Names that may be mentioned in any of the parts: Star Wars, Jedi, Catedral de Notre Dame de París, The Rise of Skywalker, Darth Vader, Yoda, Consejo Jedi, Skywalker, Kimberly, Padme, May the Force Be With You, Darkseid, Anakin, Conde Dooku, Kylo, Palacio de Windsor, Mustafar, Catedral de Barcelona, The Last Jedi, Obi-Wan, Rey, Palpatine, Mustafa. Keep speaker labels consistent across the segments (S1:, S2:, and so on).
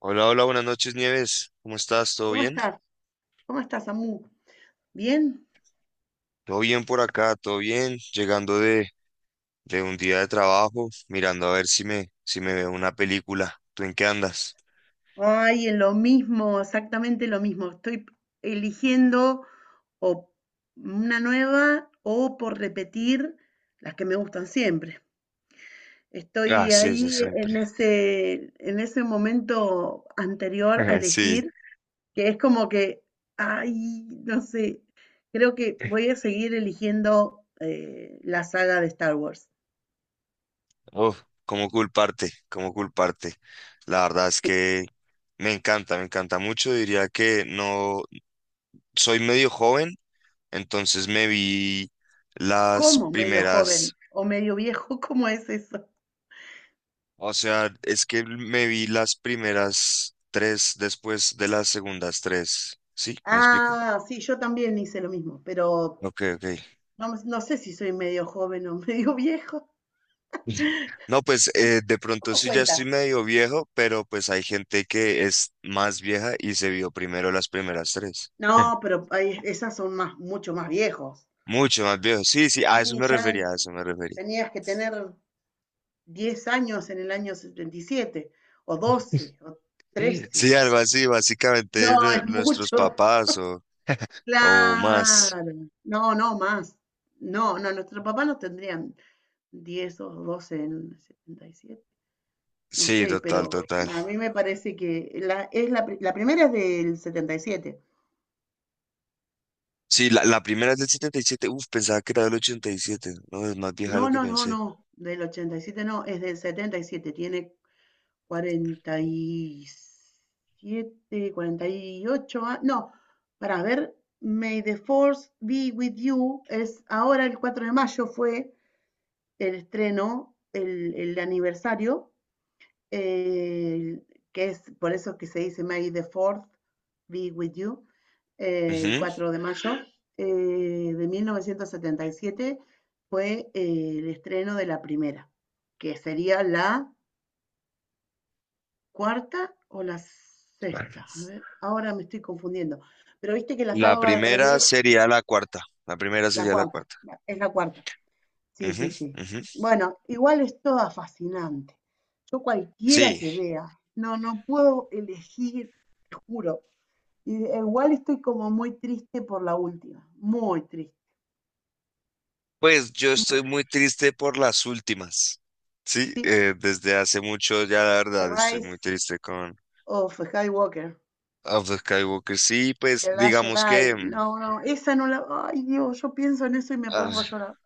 S1: Hola, hola, buenas noches, Nieves. ¿Cómo estás? ¿Todo
S2: ¿Cómo
S1: bien?
S2: estás? ¿Cómo estás, Amu? ¿Bien?
S1: Todo bien por acá, todo bien. Llegando de un día de trabajo, mirando a ver si si me veo una película. ¿Tú en qué andas?
S2: Ay, en lo mismo, exactamente lo mismo. Estoy eligiendo o una nueva o por repetir las que me gustan siempre.
S1: Ah,
S2: Estoy
S1: sí, ese
S2: ahí
S1: siempre.
S2: en ese momento anterior a
S1: Sí.
S2: elegir, que es como que, ay, no sé, creo que voy a seguir eligiendo la saga de Star Wars.
S1: Uf, ¿cómo culparte? ¿Cómo culparte? La verdad es que me encanta mucho. Diría que no soy medio joven, entonces me vi las
S2: ¿Cómo medio
S1: primeras.
S2: joven o medio viejo? ¿Cómo es eso?
S1: O sea, es que me vi las primeras tres después de las segundas tres. ¿Sí? ¿Me explico?
S2: Ah, sí, yo también hice lo mismo, pero
S1: Ok, ok.
S2: no, no sé si soy medio joven o medio viejo.
S1: No, pues de pronto
S2: ¿Cómo
S1: sí ya estoy
S2: cuenta?
S1: medio viejo, pero pues hay gente que es más vieja y se vio primero las primeras tres.
S2: No, pero esas son más, mucho más viejos.
S1: Mucho más viejo. Sí, sí, a eso
S2: Y
S1: me
S2: ya
S1: refería, a eso me refería.
S2: tenías que tener 10 años en el año 77 o 12 o
S1: Sí,
S2: 13.
S1: sí, algo así, básicamente
S2: No, es
S1: nuestros
S2: mucho.
S1: papás o más.
S2: Claro. No, no, más. No, no, nuestro papá no tendrían 10, o 12 en el 77. No
S1: Sí,
S2: sé,
S1: total,
S2: pero
S1: total.
S2: a mí me parece que la primera es del 77.
S1: Sí, la primera es del 77. Uf, pensaba que era del ochenta y siete. No, es más vieja de lo
S2: No,
S1: que
S2: no, no,
S1: pensé.
S2: no, del 87 no, es del 77. Tiene 47, 48 años. No, para ver, May the Force Be With You es ahora el 4 de mayo fue el estreno, el aniversario. eh, que es por eso que se dice May the Fourth be with you, el
S1: Ujú.
S2: 4 de mayo eh, de 1977 fue el estreno de la primera, que sería la cuarta o la sexta. A ver, ahora me estoy confundiendo. Pero viste que la
S1: La
S2: saga va al
S1: primera
S2: revés,
S1: sería la cuarta. La primera
S2: la
S1: sería la
S2: cuarta,
S1: cuarta.
S2: es la cuarta. Sí,
S1: Ujú,
S2: sí, sí.
S1: ujú.
S2: Bueno, igual es toda fascinante. Yo cualquiera
S1: Sí,
S2: que vea, no, no puedo elegir, te juro. Y igual estoy como muy triste por la última, muy triste.
S1: pues yo
S2: Mm,
S1: estoy muy triste por las últimas. Sí,
S2: sí,
S1: desde hace mucho ya la
S2: The
S1: verdad estoy
S2: Rise
S1: muy triste con
S2: of Skywalker,
S1: Of the Skywalker. Sí, pues
S2: The Last
S1: digamos que...
S2: Jedi. No, no, esa no la. Ay, Dios, yo pienso en eso y me
S1: ah,
S2: pongo a llorar.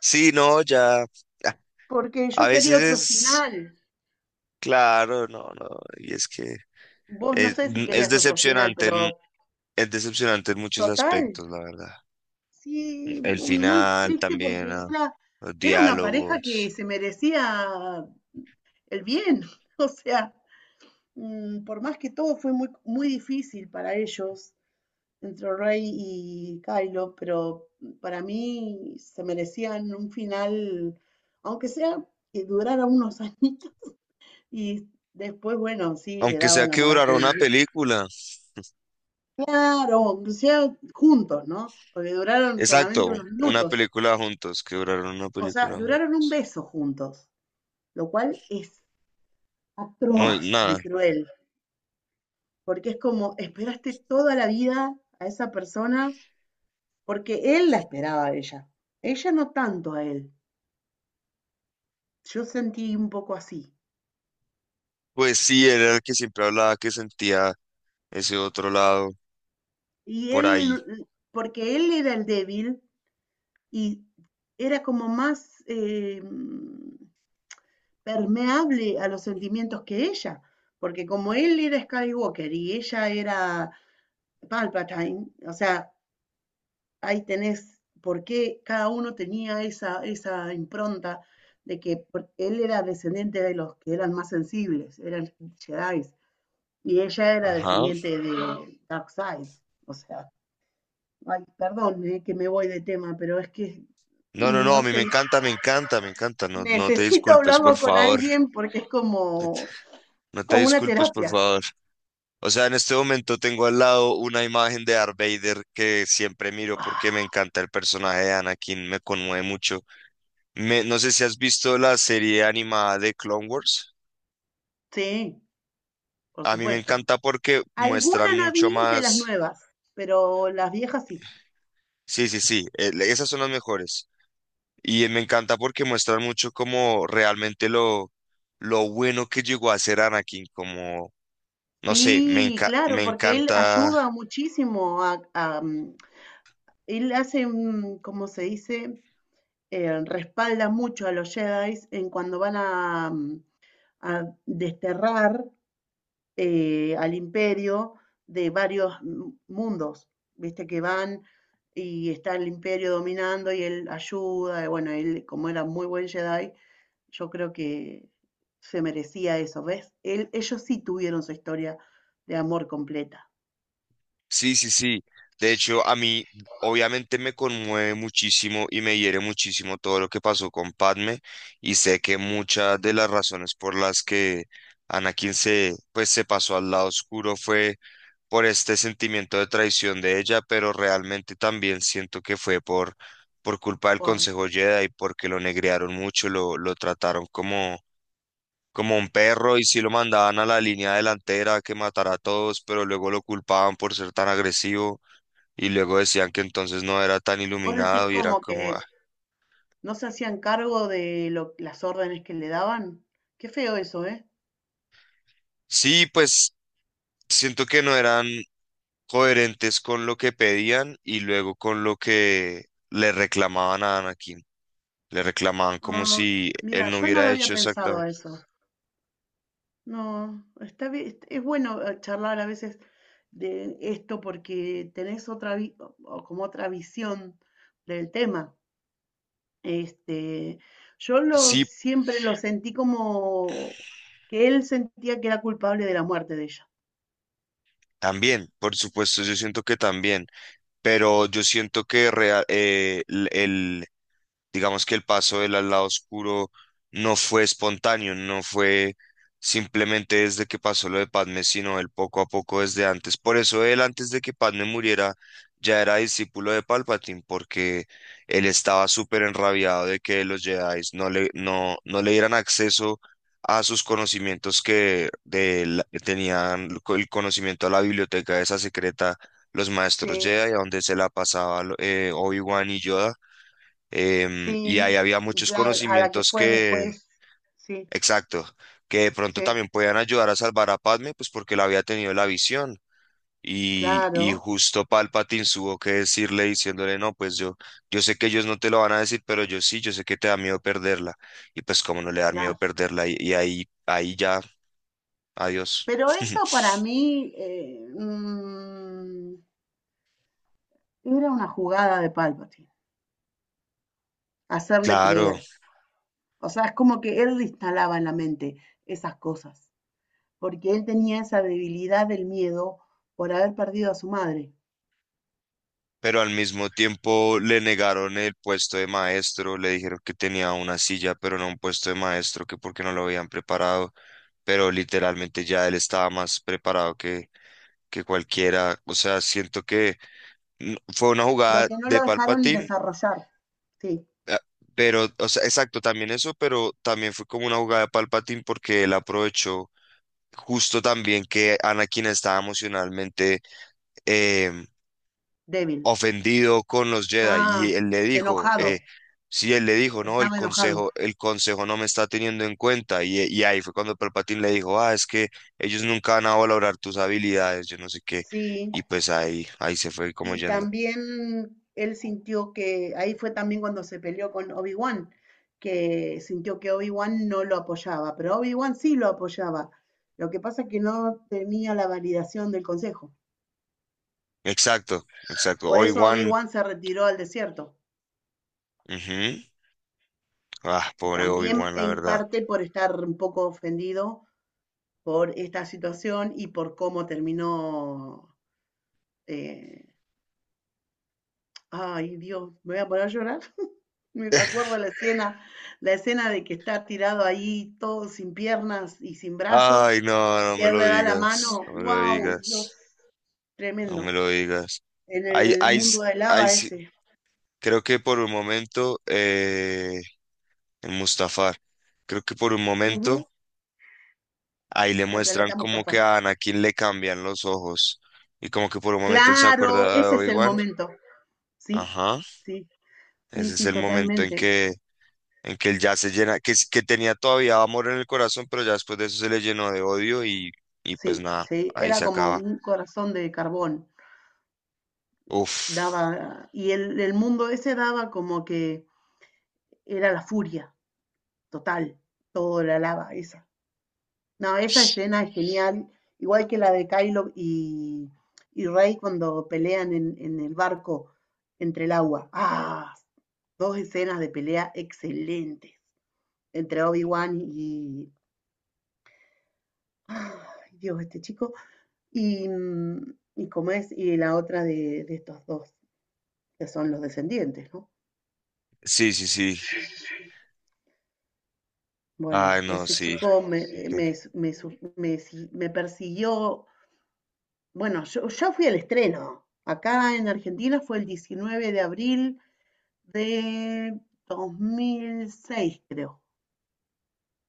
S1: sí, no, ya... ah.
S2: Porque
S1: A
S2: yo quería
S1: veces
S2: otro
S1: es...
S2: final.
S1: Claro, no, no. Y es que
S2: Vos no
S1: es,
S2: sé si
S1: es
S2: querías otro final,
S1: decepcionante.
S2: pero
S1: Es decepcionante en muchos
S2: total.
S1: aspectos, la verdad.
S2: Sí,
S1: El
S2: muy
S1: final
S2: triste
S1: también,
S2: porque
S1: ah,
S2: era,
S1: los
S2: era una pareja que
S1: diálogos.
S2: se merecía el bien. O sea, por más que todo fue muy, muy difícil para ellos, entre Rey y Kylo, pero para mí se merecían un final, aunque sea que durara unos añitos y después, bueno, sí, le
S1: Aunque
S2: daban
S1: sea
S2: la
S1: que
S2: muerte.
S1: durara una película.
S2: Claro, aunque sea juntos, ¿no? Porque duraron solamente
S1: Exacto,
S2: unos
S1: una
S2: minutos.
S1: película juntos, que duraron una
S2: O sea,
S1: película
S2: duraron un
S1: juntos.
S2: beso juntos, lo cual es
S1: Muy,
S2: atroz
S1: nada.
S2: de cruel, porque es como esperaste toda la vida a esa persona, porque él la esperaba a ella, ella no tanto a él, yo sentí un poco así,
S1: Pues sí, era el que siempre hablaba que sentía ese otro lado
S2: y
S1: por ahí.
S2: él, porque él era el débil y era como más permeable a los sentimientos que ella, porque como él era Skywalker y ella era Palpatine, o sea, ahí tenés por qué cada uno tenía esa impronta de que él era descendiente de los que eran más sensibles, eran Jedi, y ella era
S1: Ajá.
S2: descendiente de Darkseid. O sea, ay, perdón que me voy de tema, pero es que,
S1: No, no, no,
S2: no
S1: a mí me
S2: sé,
S1: encanta, me encanta, me encanta. No, no te
S2: necesito
S1: disculpes, por
S2: hablarlo con
S1: favor.
S2: alguien porque es como,
S1: No te
S2: como una
S1: disculpes, por
S2: terapia.
S1: favor. O sea, en este momento tengo al lado una imagen de Darth Vader que siempre miro porque
S2: Ah,
S1: me encanta el personaje de Anakin, me conmueve mucho. No sé si has visto la serie animada de Clone Wars.
S2: sí, por
S1: A mí me
S2: supuesto.
S1: encanta porque muestran
S2: Alguna no
S1: mucho
S2: vi de las
S1: más.
S2: nuevas, pero las viejas sí.
S1: Sí, sí, sí, esas son las mejores. Y me encanta porque muestran mucho como realmente lo bueno que llegó a ser Anakin, como, no sé,
S2: Sí, claro,
S1: me
S2: porque él
S1: encanta.
S2: ayuda muchísimo él hace, ¿cómo se dice? Respalda mucho a los Jedi en cuando van a desterrar al imperio de varios mundos. Viste que van y está el imperio dominando y él ayuda. Y bueno, él como era muy buen Jedi, yo creo que se merecía eso, ¿ves? Ellos sí tuvieron su historia de amor completa
S1: Sí, sí, sí. De hecho, a mí obviamente me conmueve muchísimo y me hiere muchísimo todo lo que pasó con Padme y sé que muchas de las razones por las que Anakin se, pues, se pasó al lado oscuro fue por este sentimiento de traición de ella, pero realmente también siento que fue por culpa del
S2: por
S1: Consejo Jedi porque lo negrearon mucho, lo trataron como... como un perro y sí lo mandaban a la línea delantera que matara a todos, pero luego lo culpaban por ser tan agresivo. Y luego decían que entonces no era tan
S2: Vos decís
S1: iluminado y era
S2: como
S1: como,
S2: que
S1: ah.
S2: no se hacían cargo de las órdenes que le daban. Qué feo eso, ¿eh?
S1: Sí, pues siento que no eran coherentes con lo que pedían y luego con lo que le reclamaban a Anakin. Le reclamaban como
S2: Ah,
S1: si
S2: mira,
S1: él no
S2: yo no lo
S1: hubiera
S2: había
S1: hecho
S2: pensado
S1: exactamente.
S2: a eso. No, está bien, es bueno charlar a veces de esto porque tenés o como otra visión del tema. Este, yo lo
S1: Sí,
S2: siempre lo sentí como que él sentía que era culpable de la muerte de ella.
S1: también, por supuesto, yo siento que también, pero yo siento que digamos que el paso del al lado oscuro no fue espontáneo, no fue simplemente desde que pasó lo de Padme, sino el poco a poco desde antes. Por eso él antes de que Padme muriera ya era discípulo de Palpatine, porque él estaba súper enrabiado de que los Jedi no no le dieran acceso a sus conocimientos que que tenían el conocimiento a la biblioteca esa secreta, los maestros
S2: Sí,
S1: Jedi, a donde se la pasaba Obi-Wan y Yoda. Y ahí
S2: sí,
S1: había
S2: y
S1: muchos
S2: claro, a la que
S1: conocimientos
S2: fue
S1: que,
S2: después, sí.
S1: exacto, que de pronto
S2: Sí,
S1: también podían ayudar a salvar a Padme, pues porque él había tenido la visión. Y
S2: claro,
S1: justo Palpatine tuvo que decirle, diciéndole, no, pues yo sé que ellos no te lo van a decir, pero yo sí, yo sé que te da miedo perderla. Y pues cómo no le da miedo
S2: claro.
S1: perderla. Ahí ya, adiós.
S2: Pero eso para mí era una jugada de Palpatine, hacerle
S1: Claro.
S2: creer. O sea, es como que él le instalaba en la mente esas cosas, porque él tenía esa debilidad del miedo por haber perdido a su madre,
S1: Pero al mismo tiempo le negaron el puesto de maestro, le dijeron que tenía una silla, pero no un puesto de maestro, que porque no lo habían preparado, pero literalmente ya él estaba más preparado que cualquiera, o sea, siento que fue una
S2: lo
S1: jugada
S2: que no
S1: de
S2: lo dejaron
S1: Palpatine,
S2: desarrollar. Sí,
S1: eh, pero, o sea, exacto, también eso, pero también fue como una jugada de Palpatine porque él aprovechó justo también que Anakin estaba emocionalmente em,
S2: débil.
S1: ofendido con los Jedi y
S2: Ah,
S1: él le dijo,
S2: enojado,
S1: sí, él le dijo, no,
S2: estaba enojado.
S1: el consejo no me está teniendo en cuenta y y ahí fue cuando Palpatine le dijo, ah, es que ellos nunca van a valorar tus habilidades, yo no sé qué,
S2: Sí,
S1: y pues ahí se fue como
S2: y
S1: yendo.
S2: también él sintió que, ahí fue también cuando se peleó con Obi-Wan, que sintió que Obi-Wan no lo apoyaba, pero Obi-Wan sí lo apoyaba. Lo que pasa es que no tenía la validación del consejo.
S1: Exacto, exacto,
S2: Por eso
S1: Obi-Wan,
S2: Obi-Wan se retiró al desierto.
S1: ujú, ah, pobre
S2: También
S1: Obi-Wan, la
S2: en
S1: verdad.
S2: parte por estar un poco ofendido por esta situación y por cómo terminó. eh, Ay, Dios, me voy a poner a llorar. Me acuerdo la escena de que está tirado ahí todo sin piernas y sin brazo,
S1: Ay, no,
S2: y
S1: no
S2: que
S1: me
S2: él
S1: lo
S2: le da la
S1: digas,
S2: mano.
S1: no me lo
S2: ¡Wow! Dios,
S1: digas, no me
S2: tremendo.
S1: lo digas.
S2: En el mundo de
S1: Ahí
S2: lava
S1: sí,
S2: ese.
S1: creo que por un momento, en Mustafar. Creo que por un momento
S2: Ujú.
S1: ahí le
S2: El
S1: muestran
S2: planeta
S1: como que
S2: Mustafa.
S1: a Anakin le cambian los ojos y como que por un momento él se
S2: Claro,
S1: acuerda de
S2: ese es el
S1: Obi-Wan.
S2: momento. Sí,
S1: Ajá,
S2: sí, sí,
S1: ese es
S2: sí,
S1: el momento
S2: totalmente.
S1: en que él ya se llena, que tenía todavía amor en el corazón, pero ya después de eso se le llenó de odio y pues
S2: Sí,
S1: nada,
S2: sí.
S1: ahí
S2: Era
S1: se
S2: como
S1: acaba.
S2: un corazón de carbón.
S1: Uf.
S2: Y el mundo ese daba como que era la furia total, toda la lava esa. No, esa escena es genial, igual que la de Kylo y Rey cuando pelean en el barco entre el agua. Ah, dos escenas de pelea excelentes entre Obi-Wan y. Ay, Dios, este chico. Y como es, y la otra de estos dos, que son los descendientes, ¿no?
S1: Sí, sí, sí.
S2: Bueno,
S1: Ay, no,
S2: ese
S1: sí.
S2: chico me,
S1: Ok.
S2: me, me su- me si- me persiguió. Bueno, yo fui al estreno. Acá en Argentina fue el 19 de abril de 2006, creo,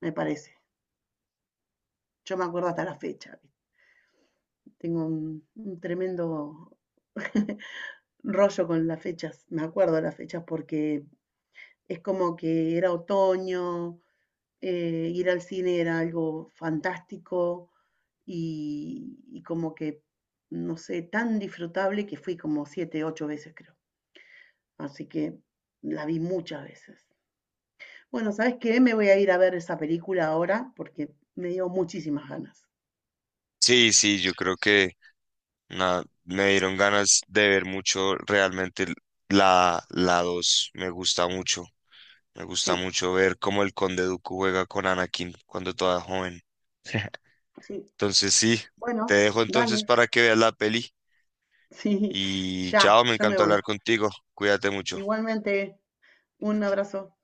S2: me parece. Yo me acuerdo hasta la fecha. Tengo un tremendo rollo con las fechas. Me acuerdo de las fechas porque es como que era otoño, ir al cine era algo fantástico y como que, no sé, tan disfrutable que fui como siete, ocho veces, creo. Así que la vi muchas veces. Bueno, ¿sabes qué? Me voy a ir a ver esa película ahora porque me dio muchísimas ganas.
S1: Sí, sí, yo creo que nada, me dieron ganas de ver mucho realmente la dos. Me gusta mucho. Me gusta
S2: Sí,
S1: mucho ver cómo el Conde Dooku juega con Anakin cuando toda joven.
S2: sí.
S1: Entonces sí, te
S2: Bueno,
S1: dejo entonces
S2: dale.
S1: para que veas la peli.
S2: Sí,
S1: Y
S2: ya,
S1: chao, me
S2: ya me
S1: encantó
S2: voy.
S1: hablar contigo. Cuídate mucho.
S2: Igualmente, un abrazo.